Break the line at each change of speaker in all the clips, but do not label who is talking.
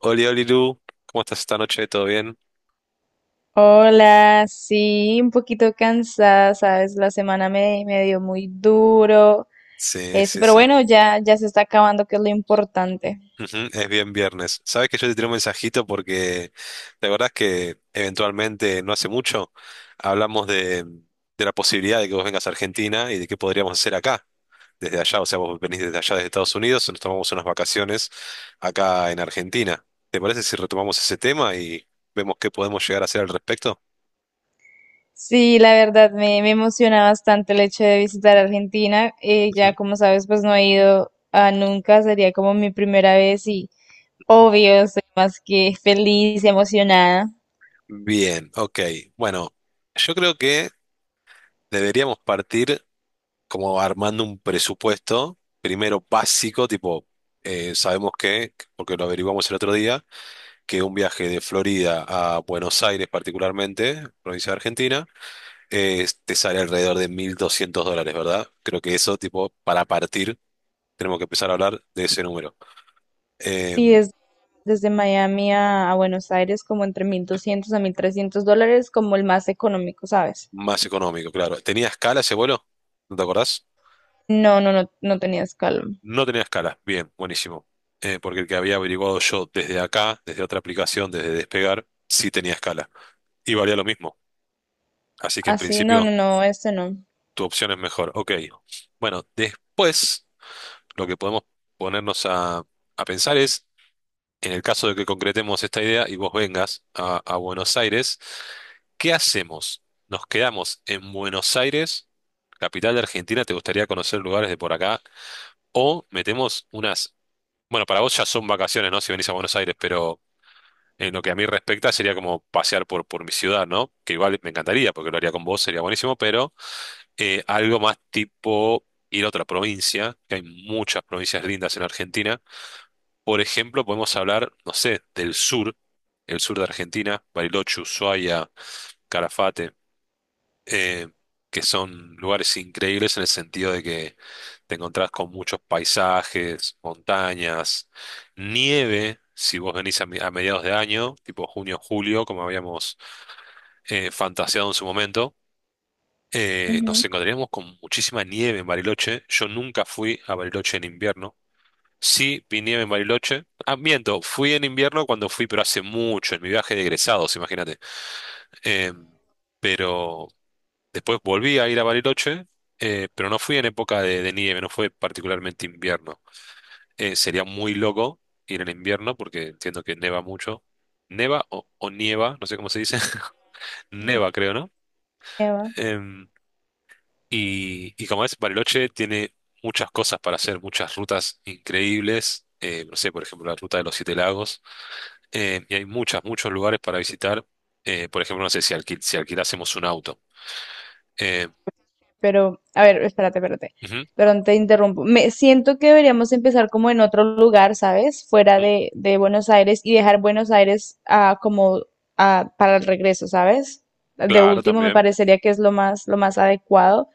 Oli, Oli, Lu, ¿cómo estás esta noche? ¿Todo bien?
Hola, sí, un poquito cansada, sabes, la semana me dio muy duro,
Sí, sí,
pero
sí.
bueno, ya, ya se está acabando, que es lo importante.
Ujú, es bien viernes. Sabes que yo te tiré un mensajito porque la verdad es que eventualmente, no hace mucho, hablamos de la posibilidad de que vos vengas a Argentina y de qué podríamos hacer acá, desde allá. O sea, vos venís desde allá, desde Estados Unidos, nos tomamos unas vacaciones acá en Argentina. ¿Te parece si retomamos ese tema y vemos qué podemos llegar a hacer al respecto?
Sí, la verdad, me emociona bastante el hecho de visitar Argentina,
Ujú,
ya como sabes, pues no he ido a nunca, sería como mi primera vez y
ujú.
obvio, estoy más que feliz y emocionada.
Bien, ok. Bueno, yo creo que deberíamos partir, como armando un presupuesto, primero básico, tipo, sabemos que, porque lo averiguamos el otro día, que un viaje de Florida a Buenos Aires particularmente, provincia de Argentina, te sale alrededor de $1.200, ¿verdad? Creo que eso, tipo, para partir, tenemos que empezar a hablar de ese número. Eh,
Sí, es desde Miami a Buenos Aires como entre US$1.200 a US$1.300, como el más económico, ¿sabes?
más económico, claro. ¿Tenía escala ese vuelo? ¿No te acordás?
No, no, no, no tenías calma.
No tenía escala. Bien, buenísimo. Porque el que había averiguado yo desde acá, desde otra aplicación, desde Despegar, sí tenía escala y valía lo mismo. Así que en
Así, no,
principio
no, no, este no.
tu opción es mejor. Ok. Bueno, después lo que podemos ponernos a pensar es, en el caso de que concretemos esta idea y vos vengas a Buenos Aires, ¿qué hacemos? ¿Nos quedamos en Buenos Aires, capital de Argentina? ¿Te gustaría conocer lugares de por acá? ¿O metemos unas...? Bueno, para vos ya son vacaciones, ¿no? Si venís a Buenos Aires, pero en lo que a mí respecta sería como pasear por mi ciudad, ¿no? Que igual me encantaría, porque lo haría con vos, sería buenísimo, pero... algo más tipo ir a otra provincia, que hay muchas provincias lindas en Argentina. Por ejemplo, podemos hablar, no sé, del sur, el sur de Argentina, Bariloche, Ushuaia, Carafate, eh, que son lugares increíbles en el sentido de que te encontrás con muchos paisajes, montañas, nieve. Si vos venís a mediados de año, tipo junio, julio, como habíamos fantaseado en su momento,
Ujú,
nos encontraríamos con muchísima nieve en Bariloche. Yo nunca fui a Bariloche en invierno. Sí, vi nieve en Bariloche. Ah, miento, fui en invierno cuando fui, pero hace mucho, en mi viaje de egresados, imagínate. Eh, pero después volví a ir a Bariloche, pero no fui en época de nieve, no fue particularmente invierno. Sería muy loco ir en invierno porque entiendo que neva mucho. Neva o nieva, no sé cómo se dice. Neva, creo, ¿no?
Eva.
Eh, y como ves Bariloche tiene muchas cosas para hacer, muchas rutas increíbles. No sé, por ejemplo, la ruta de los Siete Lagos. Y hay muchas, muchos lugares para visitar. Por ejemplo, no sé si alquilásemos un auto. Eh,
Pero, a ver, espérate, espérate.
Ujú,
Perdón, te interrumpo. Me siento que deberíamos empezar como en otro lugar, ¿sabes? Fuera
ujú,
de Buenos Aires y dejar Buenos Aires como para el regreso, ¿sabes? De
claro,
último me
también
parecería que es lo más adecuado.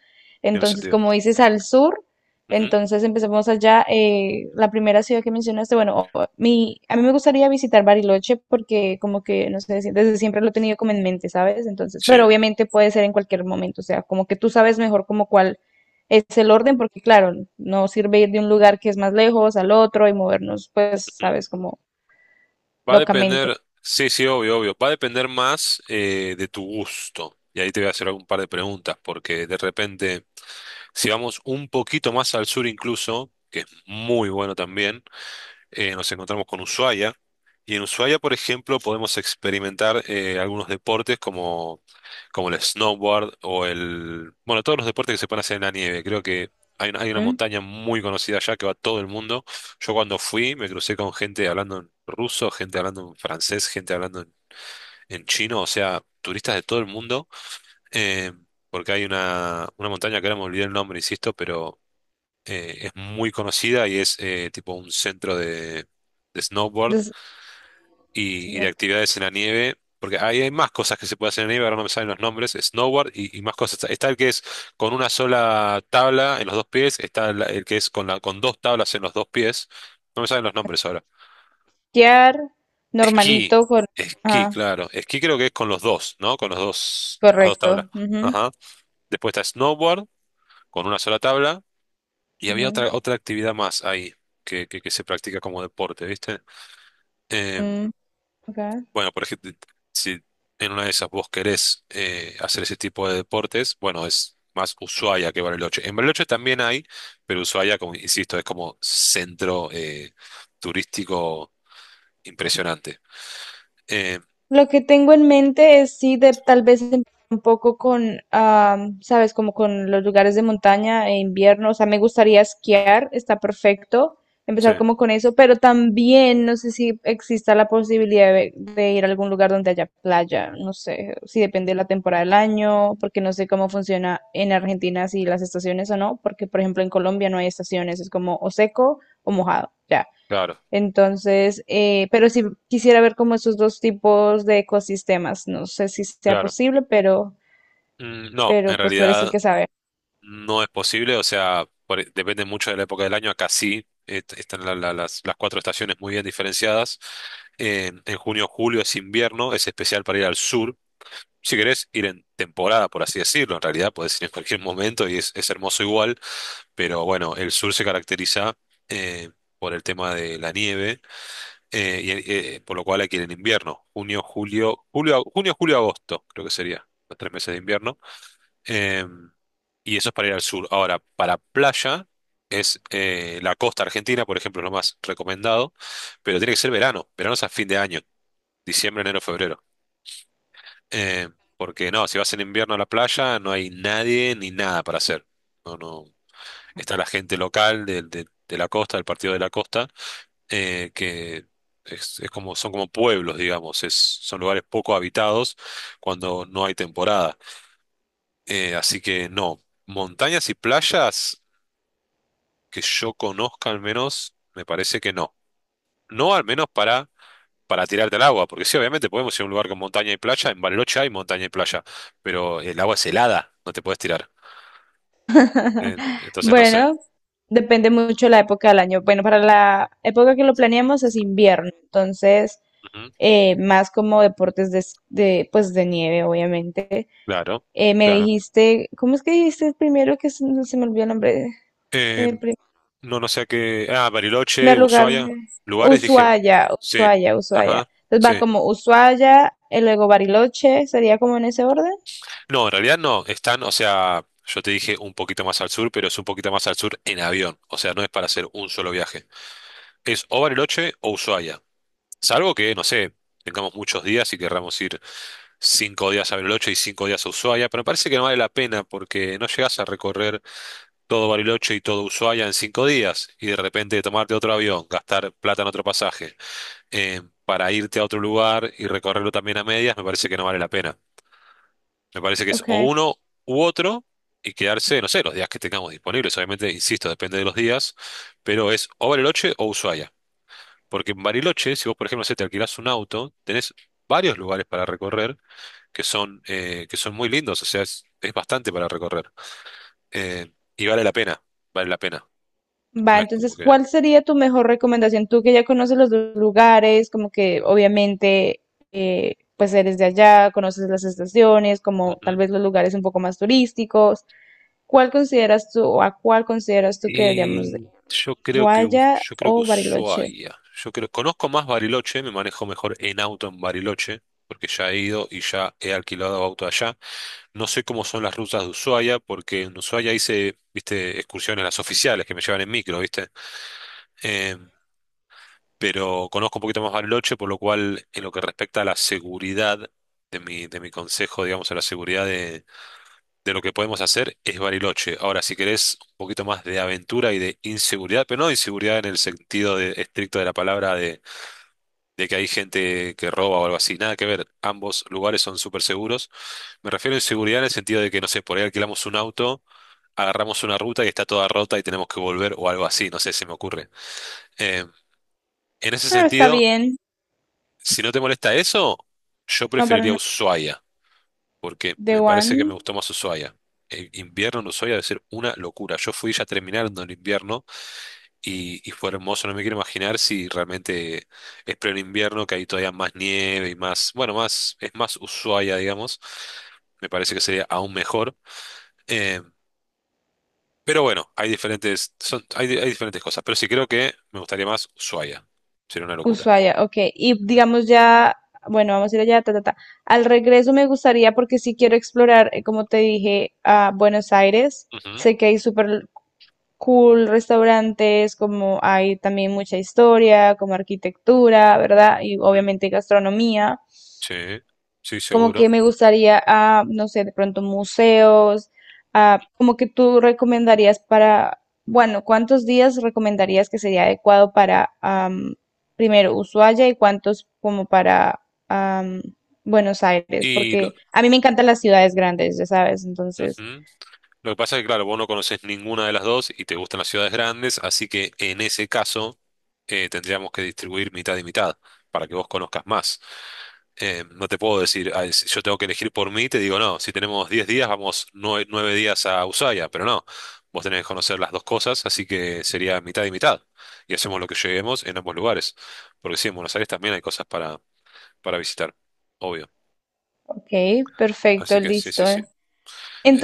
tiene
Entonces,
sentido.
como dices, al sur,
Ujú,
entonces empecemos allá. La primera ciudad que mencionaste, bueno, a mí me gustaría visitar Bariloche porque como que, no sé, desde siempre lo he tenido como en mente, ¿sabes? Entonces,
sí,
pero obviamente puede ser en cualquier momento, o sea, como que tú sabes mejor como cuál es el orden, porque claro, no sirve ir de un lugar que es más lejos al otro y movernos, pues,
ujú.
¿sabes? Como
Va a
locamente.
depender, sí, sí, obvio, obvio. Va a depender más de tu gusto. Y ahí te voy a hacer algún par de preguntas, porque de repente, si vamos un poquito más al sur incluso, que es muy bueno también. Nos encontramos con Ushuaia. Y en Ushuaia, por ejemplo, podemos experimentar algunos deportes como, como el snowboard o el... bueno, todos los deportes que se pueden hacer en la nieve. Creo que hay una
¿Mm?
montaña muy conocida allá que va todo el mundo. Yo cuando fui me crucé con gente hablando en ruso, gente hablando en francés, gente hablando en chino, o sea, turistas de todo el mundo. eh, Porque hay una montaña que ahora me olvidé el nombre, insisto, pero es muy conocida y es tipo un centro de snowboard
Entonces,
y de
como
actividades en la nieve, porque ahí hay más cosas que se puede hacer en la nieve, ahora no me salen los nombres, snowboard y más cosas. Está el que es con una sola tabla en los dos pies, está el que es con dos tablas en los dos pies, no me salen los nombres ahora.
quedar
Esquí,
normalito con.
esquí,
Ah,
claro. Esquí creo que es con los dos, ¿no? Con los dos, las dos tablas.
correcto. Ujú,
Ajá. Después está snowboard con una sola tabla. Y había
ujú,
otra actividad más ahí que se practica como deporte, ¿viste? Eh,
mm, ok.
bueno, por ejemplo, si en una de esas vos querés hacer ese tipo de deportes, bueno, es más Ushuaia que Bariloche. En Bariloche también hay, pero Ushuaia, como insisto, es como centro turístico impresionante. Eh,
Lo que tengo en mente es sí de tal vez empezar un poco con, sabes, como con los lugares de montaña e invierno. O sea, me gustaría esquiar, está perfecto.
sí,
Empezar como con eso, pero también no sé si exista la posibilidad de ir a algún lugar donde haya playa. No sé si depende de la temporada del año, porque no sé cómo funciona en Argentina si las estaciones o no, porque por ejemplo en Colombia no hay estaciones, es como o seco o mojado. Ya.
claro,
Entonces, pero sí quisiera ver como esos dos tipos de ecosistemas. No sé si sea
claro.
posible, pero,
Mm, no, en
pero pues tú eres el
realidad
que sabe.
no es posible, o sea, depende mucho de la época del año. Acá sí están las cuatro estaciones muy bien diferenciadas. En junio, julio es invierno, es especial para ir al sur. Si querés ir en temporada, por así decirlo, en realidad podés ir en cualquier momento y es hermoso igual, pero bueno, el sur se caracteriza eh, por el tema de la nieve, por lo cual hay que ir en invierno. Junio, julio, julio, junio, julio, agosto, creo que sería los 3 meses de invierno. Em, y eso es para ir al sur. Ahora, para playa es la costa argentina, por ejemplo, es lo más recomendado, pero tiene que ser verano. Verano es a fin de año, diciembre, enero, febrero. Eh, Porque no, si vas en invierno a la playa no hay nadie ni nada para hacer. No, no. Está la gente local de la costa, del partido de la costa, que es como, son como pueblos, digamos, es, son lugares poco habitados cuando no hay temporada. Así que no, montañas y playas. Que yo conozca al menos, me parece que no. No al menos para tirarte al agua, porque sí, obviamente podemos ir a un lugar con montaña y playa, en Bariloche hay montaña y playa, pero el agua es helada, no te puedes tirar. Entonces no sé.
Bueno, depende mucho la época del año. Bueno, para la época que lo planeamos es invierno, entonces
Ujú,
más como deportes de, pues de nieve, obviamente.
claro,
Me
claro.
dijiste, ¿cómo es que dijiste el primero que se me olvidó el nombre?
Eh,
El
no, no sé a qué. Ah, Bariloche,
primer lugar,
Ushuaia, lugares, dije.
Ushuaia,
Sí,
Ushuaia, Ushuaia.
ajá,
Entonces va
sí.
como Ushuaia, y luego Bariloche, sería como en ese orden.
No, en realidad no, están, o sea, yo te dije un poquito más al sur, pero es un poquito más al sur en avión, o sea, no es para hacer un solo viaje. Es o Bariloche o Ushuaia. Salvo que, no sé, tengamos muchos días y querramos ir 5 días a Bariloche y 5 días a Ushuaia, pero me parece que no vale la pena porque no llegás a recorrer todo Bariloche y todo Ushuaia en 5 días y de repente tomarte otro avión, gastar plata en otro pasaje, para irte a otro lugar y recorrerlo también a medias, me parece que no vale la pena. Me parece que es o
Ok.
uno u otro y quedarse, no sé, los días que tengamos disponibles. Obviamente, insisto, depende de los días, pero es o Bariloche o Ushuaia. Porque en Bariloche, si vos, por ejemplo, no sé, te alquilás un auto, tenés varios lugares para recorrer que son muy lindos, o sea, es bastante para recorrer. Eh, y vale la pena, vale la pena.
Va,
No es como
entonces,
que.
¿cuál sería tu mejor recomendación? Tú que ya conoces los dos lugares, como que obviamente, pues eres de allá, conoces las estaciones, como tal
Ujú.
vez los lugares un poco más turísticos. ¿Cuál consideras tú o a cuál consideras tú que deberíamos de ir? ¿Ushuaia
Yo creo que
o Bariloche?
Ushuaia. Yo creo, conozco más Bariloche, me manejo mejor en auto en Bariloche, porque ya he ido y ya he alquilado auto allá. No sé cómo son las rutas de Ushuaia, porque en Ushuaia hice, viste, excursiones las oficiales que me llevan en micro, ¿viste? eh, pero conozco un poquito más Bariloche, por lo cual en lo que respecta a la seguridad de mi consejo, digamos, a la seguridad de lo que podemos hacer, es Bariloche. Ahora, si querés un poquito más de aventura y de inseguridad, pero no de inseguridad en el sentido estricto de la palabra de que hay gente que roba o algo así, nada que ver, ambos lugares son súper seguros. Me refiero a inseguridad en el sentido de que, no sé, por ahí alquilamos un auto. Agarramos una ruta y está toda rota y tenemos que volver o algo así, no sé, se me ocurre. Eh, en ese
Ah, está
sentido,
bien.
si no te molesta eso, yo
No, para
preferiría
nada.
Ushuaia, porque
The
me parece que me
One.
gustó más Ushuaia. El invierno en Ushuaia debe ser una locura. Yo fui ya terminando el invierno y fue hermoso. No me quiero imaginar si realmente es pleno invierno, que hay todavía más nieve y más, bueno, más, es más Ushuaia, digamos. Me parece que sería aún mejor. Eh, pero bueno, hay diferentes cosas. Pero sí creo que me gustaría más Ushuaia. Sería una locura.
Ushuaia, ok. Y digamos ya, bueno, vamos a ir allá, ta, ta, ta. Al regreso me gustaría, porque sí quiero explorar, como te dije, a Buenos Aires.
Ujú,
Sé que hay súper cool restaurantes, como hay también mucha historia, como arquitectura, ¿verdad? Y
ujú.
obviamente gastronomía.
Sí, sí,
Como que
seguro.
me gustaría no sé, de pronto museos, como que tú recomendarías para, bueno, ¿cuántos días recomendarías que sería adecuado para, primero, Ushuaia y cuántos como para am, Buenos Aires?
Y lo-
Porque a mí me encantan las ciudades grandes, ya sabes, entonces,
Ujú. Lo que pasa es que, claro, vos no conoces ninguna de las dos y te gustan las ciudades grandes, así que en ese caso tendríamos que distribuir mitad y mitad para que vos conozcas más. No te puedo decir: "Ay, si yo tengo que elegir por mí, te digo, no, si tenemos 10 días, vamos nueve días a Ushuaia", pero no, vos tenés que conocer las dos cosas, así que sería mitad y mitad. Y hacemos lo que lleguemos en ambos lugares, porque sí, en Buenos Aires también hay cosas para visitar, obvio.
ok,
Así
perfecto,
que sí, sí,
listo.
sí.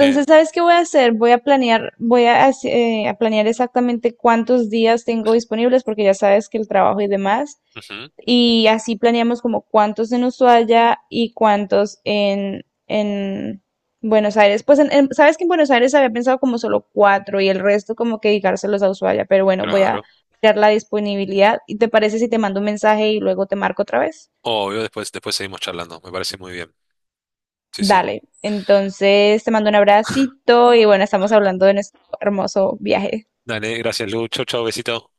Eh,
¿sabes qué voy a hacer? Voy a planear, a planear exactamente cuántos días tengo disponibles, porque ya sabes que el trabajo y demás.
Ujú,
Y así planeamos como cuántos en Ushuaia y cuántos en Buenos Aires. Pues sabes que en Buenos Aires había pensado como solo cuatro y el resto como que dedicárselos a Ushuaia. Pero bueno, voy a
claro.
crear la disponibilidad. ¿Y te parece si te mando un mensaje y luego te marco otra vez?
Obvio, después seguimos charlando. Me parece muy bien. Sí, sí.
Dale. Entonces te mando un abracito y bueno, estamos hablando de nuestro hermoso viaje.
Dale, gracias, Lu. Chau, chau, besito.